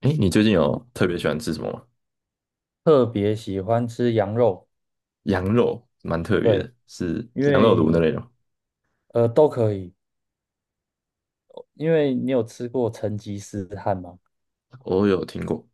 哎，你最近有特别喜欢吃什么吗？特别喜欢吃羊肉，羊肉蛮特别对，的，是因羊肉炉那为类的吗？都可以，因为你有吃过成吉思汗吗？我有听过。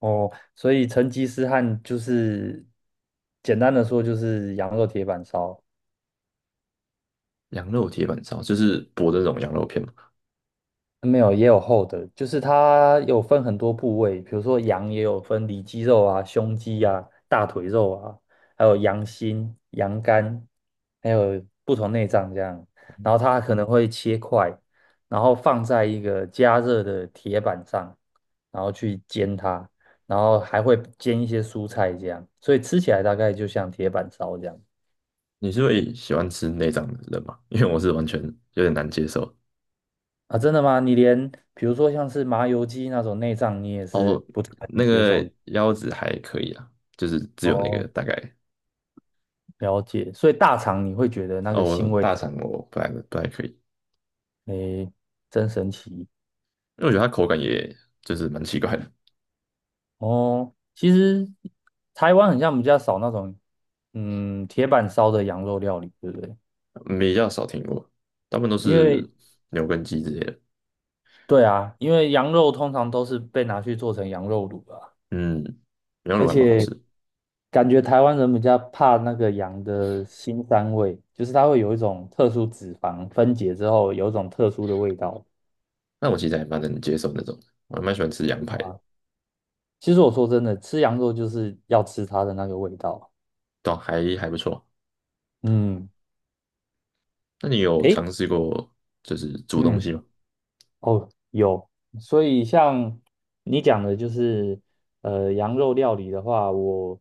哦，所以成吉思汗就是简单的说就是羊肉铁板烧，羊肉铁板烧，就是薄的那种羊肉片嘛。没有，也有厚的，就是它有分很多部位，比如说羊也有分里脊肉啊、胸肌啊、大腿肉啊，还有羊心、羊肝，还有不同内脏这样。然后它可能会切块，然后放在一个加热的铁板上，然后去煎它，然后还会煎一些蔬菜这样，所以吃起来大概就像铁板烧这样。你是会喜欢吃内脏的人吗？因为我是完全有点难接受。啊，真的吗？你连比如说像是麻油鸡那种内脏，你也哦，是不太能那接受个的。腰子还可以啊，就是只有那个哦，大概。了解，所以大肠你会觉得那个腥哦，味太大重，肠我不太可以，因诶，真神奇为我觉得它口感也就是蛮奇怪的。哦。其实台湾很像比较少那种，嗯，铁板烧的羊肉料理，对不对？嗯，比较少听过，大部分都因是为牛跟鸡之类的。对啊，因为羊肉通常都是被拿去做成羊肉卤啊，嗯，羊肉而炉还蛮好且吃。感觉台湾人比较怕那个羊的腥膻味，就是它会有一种特殊脂肪分解之后有一种特殊的味道。那我其实还蛮能接受那种的，我还蛮喜欢吃羊排的。其实我说真的，吃羊肉就是要吃它的那个味道，对啊，还不错。嗯。那你有诶，尝试过就是煮东嗯，西吗？哦，有，所以像你讲的，就是羊肉料理的话，我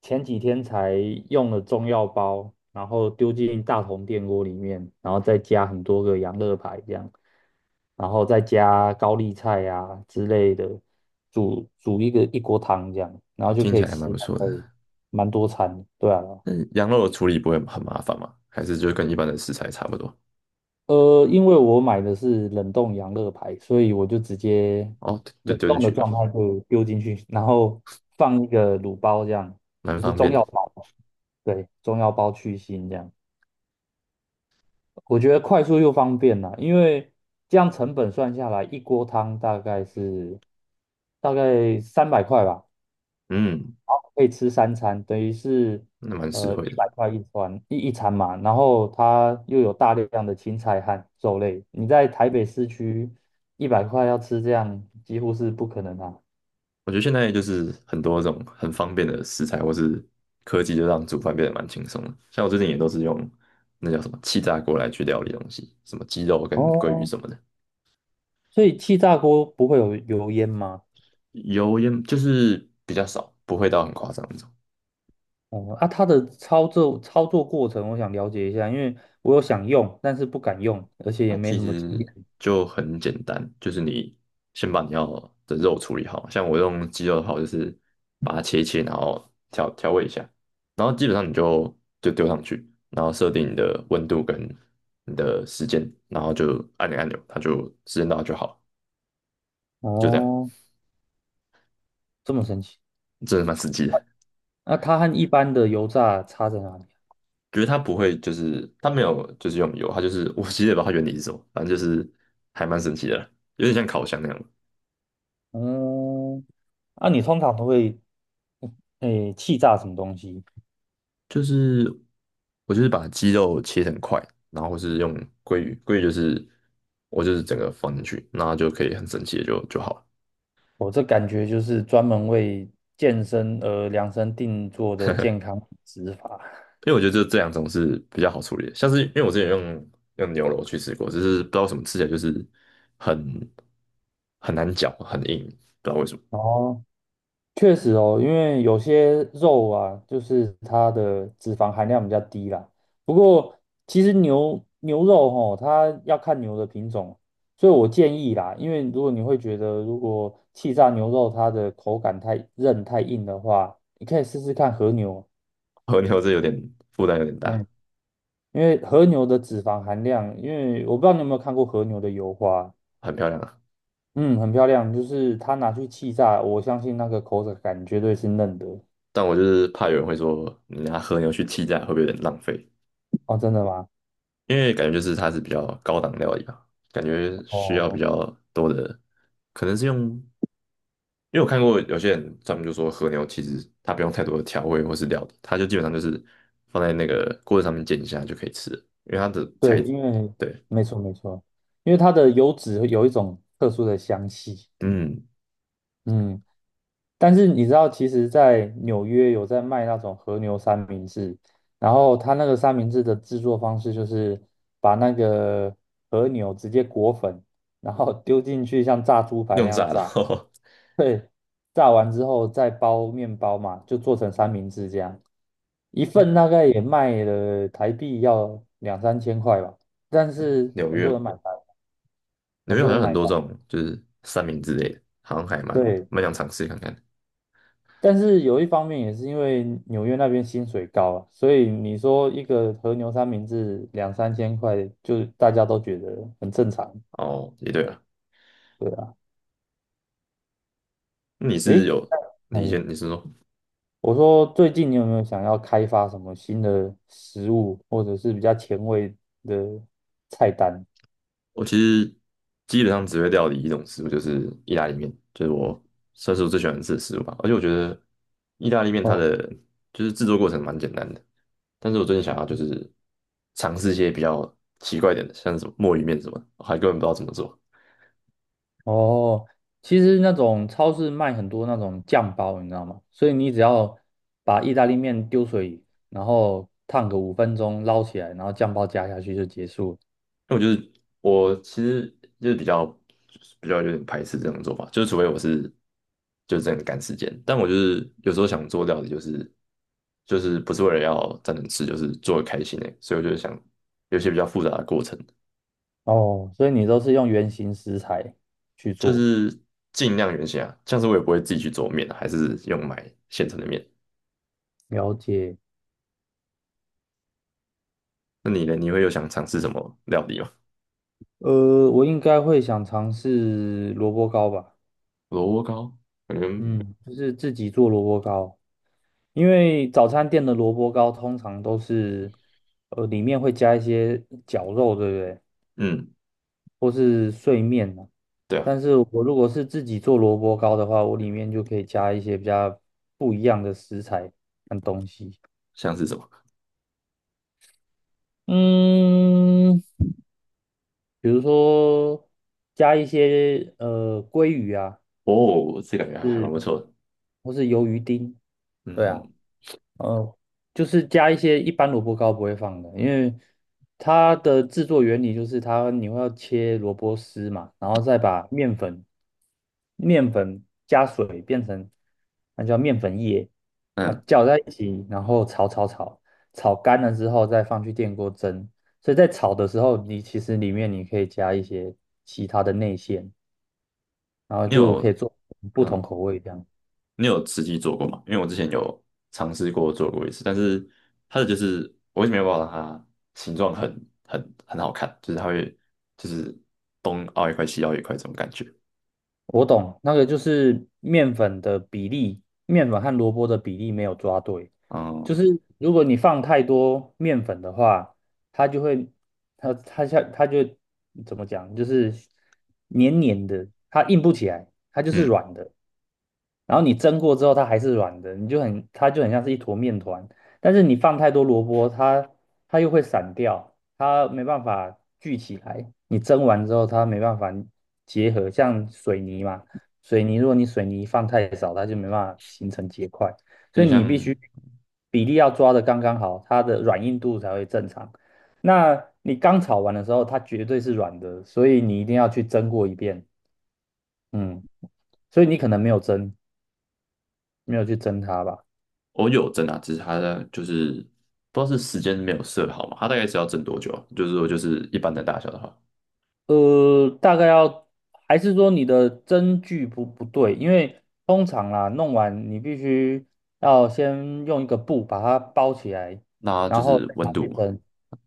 前几天才用了中药包，然后丢进大同电锅里面，然后再加很多个羊肋排这样，然后再加高丽菜啊之类的，煮一个一锅汤这样，然后哦，就听可起以来还蛮吃不大错概的。蛮多餐的对啊，那羊肉的处理不会很麻烦吗？还是就跟一般的食材差不多？因为我买的是冷冻羊乐排，所以我就直接哦，就冷丢进冻去的吧，状态就丢进去，然后放一个卤包，这样蛮就是方中便药的。包，对，中药包去腥这样。我觉得快速又方便啦，因为这样成本算下来，一锅汤大概是大概300块吧，嗯，可以吃三餐，等于是那蛮实惠一的。百块一餐一餐嘛，然后它又有大量的青菜和肉类，你在台北市区一百块要吃这样几乎是不可能啊。我觉得现在就是很多这种很方便的食材或是科技，就让煮饭变得蛮轻松的。像我最近也都是用那叫什么气炸锅来去料理东西，什么鸡肉跟鲑鱼哦，什么的。所以气炸锅不会有油烟吗？油烟就是比较少，不会到很夸张那种。哦，啊，它的操作过程我想了解一下，因为我有想用，但是不敢用，而且也它没其什么经实验。就很简单，就是你先把你要的肉处理好，像我用鸡肉的话，我就是把它切一切，然后调味一下，然后基本上你就丢上去，然后设定你的温度跟你的时间，然后就按钮，它就时间到就好了，就这样，哦，这么神奇。真的蛮实际的。那它和一般的油炸差在哪里？觉得它不会，就是它没有就是用油，它就是我其实也不知道它原理是什么，反正就是还蛮神奇的啦，有点像烤箱那样。嗯，那、你通常都会，嗯诶，气炸什么东西？就是我就是把鸡肉切成块，然后是用鲑鱼，鲑鱼就是我就是整个放进去，那就可以很整齐的就好了。我这感觉就是专门为健身而量身定做的健康饮食法。因为我觉得这两种是比较好处理的，像是因为我之前用牛肉去吃过，只是不知道为什么吃起来就是很很难嚼，很硬，不知道为什么。哦，确实哦，因为有些肉啊，就是它的脂肪含量比较低啦。不过其实牛肉吼，它要看牛的品种，所以我建议啦，因为如果你会觉得如果气炸牛肉它的口感太韧太硬的话，你可以试试看和牛。和牛这有点负担有点大。嗯，因为和牛的脂肪含量，因为我不知道你有没有看过和牛的油花，很漂亮啊。嗯，很漂亮，就是它拿去气炸，我相信那个口感绝对是嫩的。但我就是怕有人会说你拿和牛去替代会不会有点浪费，哦，真的吗？因为感觉就是它是比较高档料理吧，感觉需要比哦，较多的，可能是用，因为我看过有些人他们就说和牛其实它不用太多的调味或是料理，它就基本上就是放在那个锅子上面煎一下就可以吃了，因为它的对，材质因为对。没错没错，因为它的油脂有一种特殊的香气，嗯，嗯。但是你知道，其实，在纽约有在卖那种和牛三明治，然后他那个三明治的制作方式就是把那个和牛直接裹粉，然后丢进去像炸猪排用那样炸的，炸，对，炸完之后再包面包嘛，就做成三明治这样，一份大哦。概也卖了台币要两三千块吧，但是纽很约，多人买单，纽很约好多人像很买多单，这种就是三明治类的，好像还蛮对。蛮想尝试看看。但是有一方面也是因为纽约那边薪水高啊，所以你说一个和牛三明治两三千块，就大家都觉得很正常，哦，也对了。对啊。你是诶，有，哎，你说。我说最近你有没有想要开发什么新的食物，或者是比较前卫的菜单？我其实基本上只会料理一种食物，就是意大利面，就是我算是我最喜欢吃的食物吧。而且我觉得意大利面它哦，的就是制作过程蛮简单的，但是我最近想要就是尝试一些比较奇怪一点的，像是什么墨鱼面什么的，我还根本不知道怎么做。哦，其实那种超市卖很多那种酱包，你知道吗？所以你只要把意大利面丢水里，然后烫个5分钟捞起来，然后酱包加下去就结束了那我就是我其实就是比较有点排斥这种做法，就是除非我是就是真的赶时间，但我就是有时候想做料理，就是就是不是为了要真的吃，就是做的开心的，所以我就是想有一些比较复杂的过程，哦，所以你都是用原型食材去就做，是尽量原形啊，像是我也不会自己去做面啊，还是用买现成的面。了解。那你呢？你会有想尝试什么料理吗？我应该会想尝试萝卜糕吧，萝卜糕，嗯。嗯，就是自己做萝卜糕，因为早餐店的萝卜糕通常都是，里面会加一些绞肉，对不对？嗯，或是碎面呢、对啊。但是我如果是自己做萝卜糕的话，我里面就可以加一些比较不一样的食材跟东西。像是什么？嗯。比如说加一些鲑鱼啊，哦，这感觉还蛮是不错的。或是鱿鱼丁，对啊，嗯。呃，就是加一些一般萝卜糕不会放的，因为它的制作原理就是它你会要切萝卜丝嘛，然后再把面粉加水变成那叫面粉液，然后嗯，搅在一起，然后炒，炒干了之后再放去电锅蒸。所以在炒的时候，你其实里面你可以加一些其他的内馅。然后你就可以有。做不同嗯，口味这样。你有实际做过吗？因为我之前有尝试过做过一次，但是它的就是我一直没有办法让它形状很好看，就是它会就是东凹一块西凹一块这种感觉。我懂，那个就是面粉的比例，面粉和萝卜的比例没有抓对，嗯。就是如果你放太多面粉的话，它就会，它就怎么讲，就是黏黏的，它硬不起来，它就是嗯，软的。然后你蒸过之后，它还是软的，你就很，它就很像是一坨面团。但是你放太多萝卜，它又会散掉，它没办法聚起来，你蒸完之后它没办法结合，像水泥嘛，水泥如果你水泥放太少，它就没办法形成结块，所有以点你必像。须比例要抓的刚刚好，它的软硬度才会正常。那你刚炒完的时候，它绝对是软的，所以你一定要去蒸过一遍，嗯，所以你可能没有蒸，没有去蒸它吧。我有蒸啊，只是它的就是不知道是时间没有设好嘛，它大概是要蒸多久啊？就是说就是一般的大小的话，大概要，还是说你的针距不对？因为通常啦，弄完你必须要先用一个布把它包起来，那就然后是再拿温度去嘛。蒸。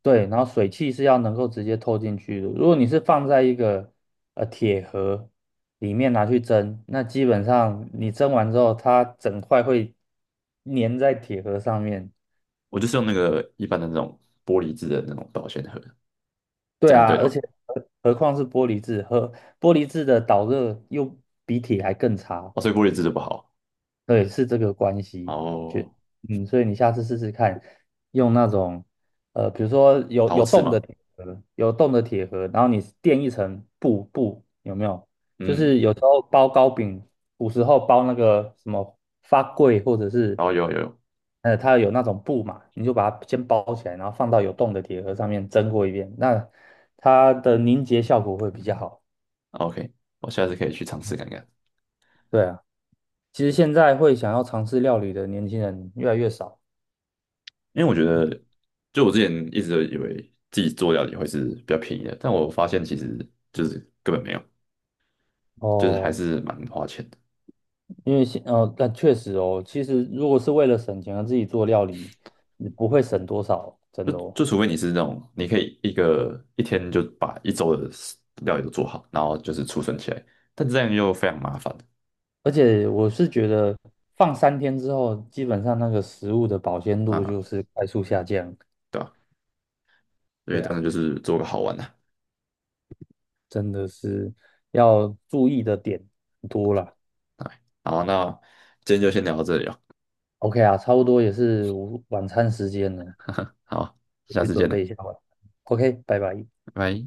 对，然后水汽是要能够直接透进去的。如果你是放在一个铁盒里面拿去蒸，那基本上你蒸完之后，它整块会粘在铁盒上面。我就是用那个一般的那种玻璃制的那种保鲜盒，这对样是啊，对的而吗？且何况是玻璃质，和玻璃质的导热又比铁还更差。哦，所以玻璃制的不好对，是这个关啊。系，就哦，嗯，所以你下次试试看，用那种比如说有陶有瓷洞的吗？铁盒，有洞的铁盒，然后你垫一层布布，有没有？就是嗯，有时候包糕饼，古时候包那个什么发粿，或者是然后有它有那种布嘛，你就把它先包起来，然后放到有洞的铁盒上面蒸过一遍，那它的凝结效果会比较好。，OK,我下次可以去尝试看看。对啊，其实现在会想要尝试料理的年轻人越来越少。因为我觉得，就我之前一直都以为自己做料理会是比较便宜的，但我发现其实就是根本没有，就是还哦，是蛮花钱的。因为，但确实哦，其实如果是为了省钱而自己做料理，你不会省多少，真就的哦。就除非你是那种你可以一个一天就把一周的料理都做好，然后就是储存起来，但这样又非常麻烦而且我是觉得放3天之后，基本上那个食物的保鲜度啊，就是快速下降。对吧？所以对当然啊，就是做个好玩的。真的是要注意的点很多了。哎好，那今天就先聊到这里了，OK 啊，差不多也是午晚餐时间了，我 好，下去次见准备了，一下吧。OK，拜拜。拜拜。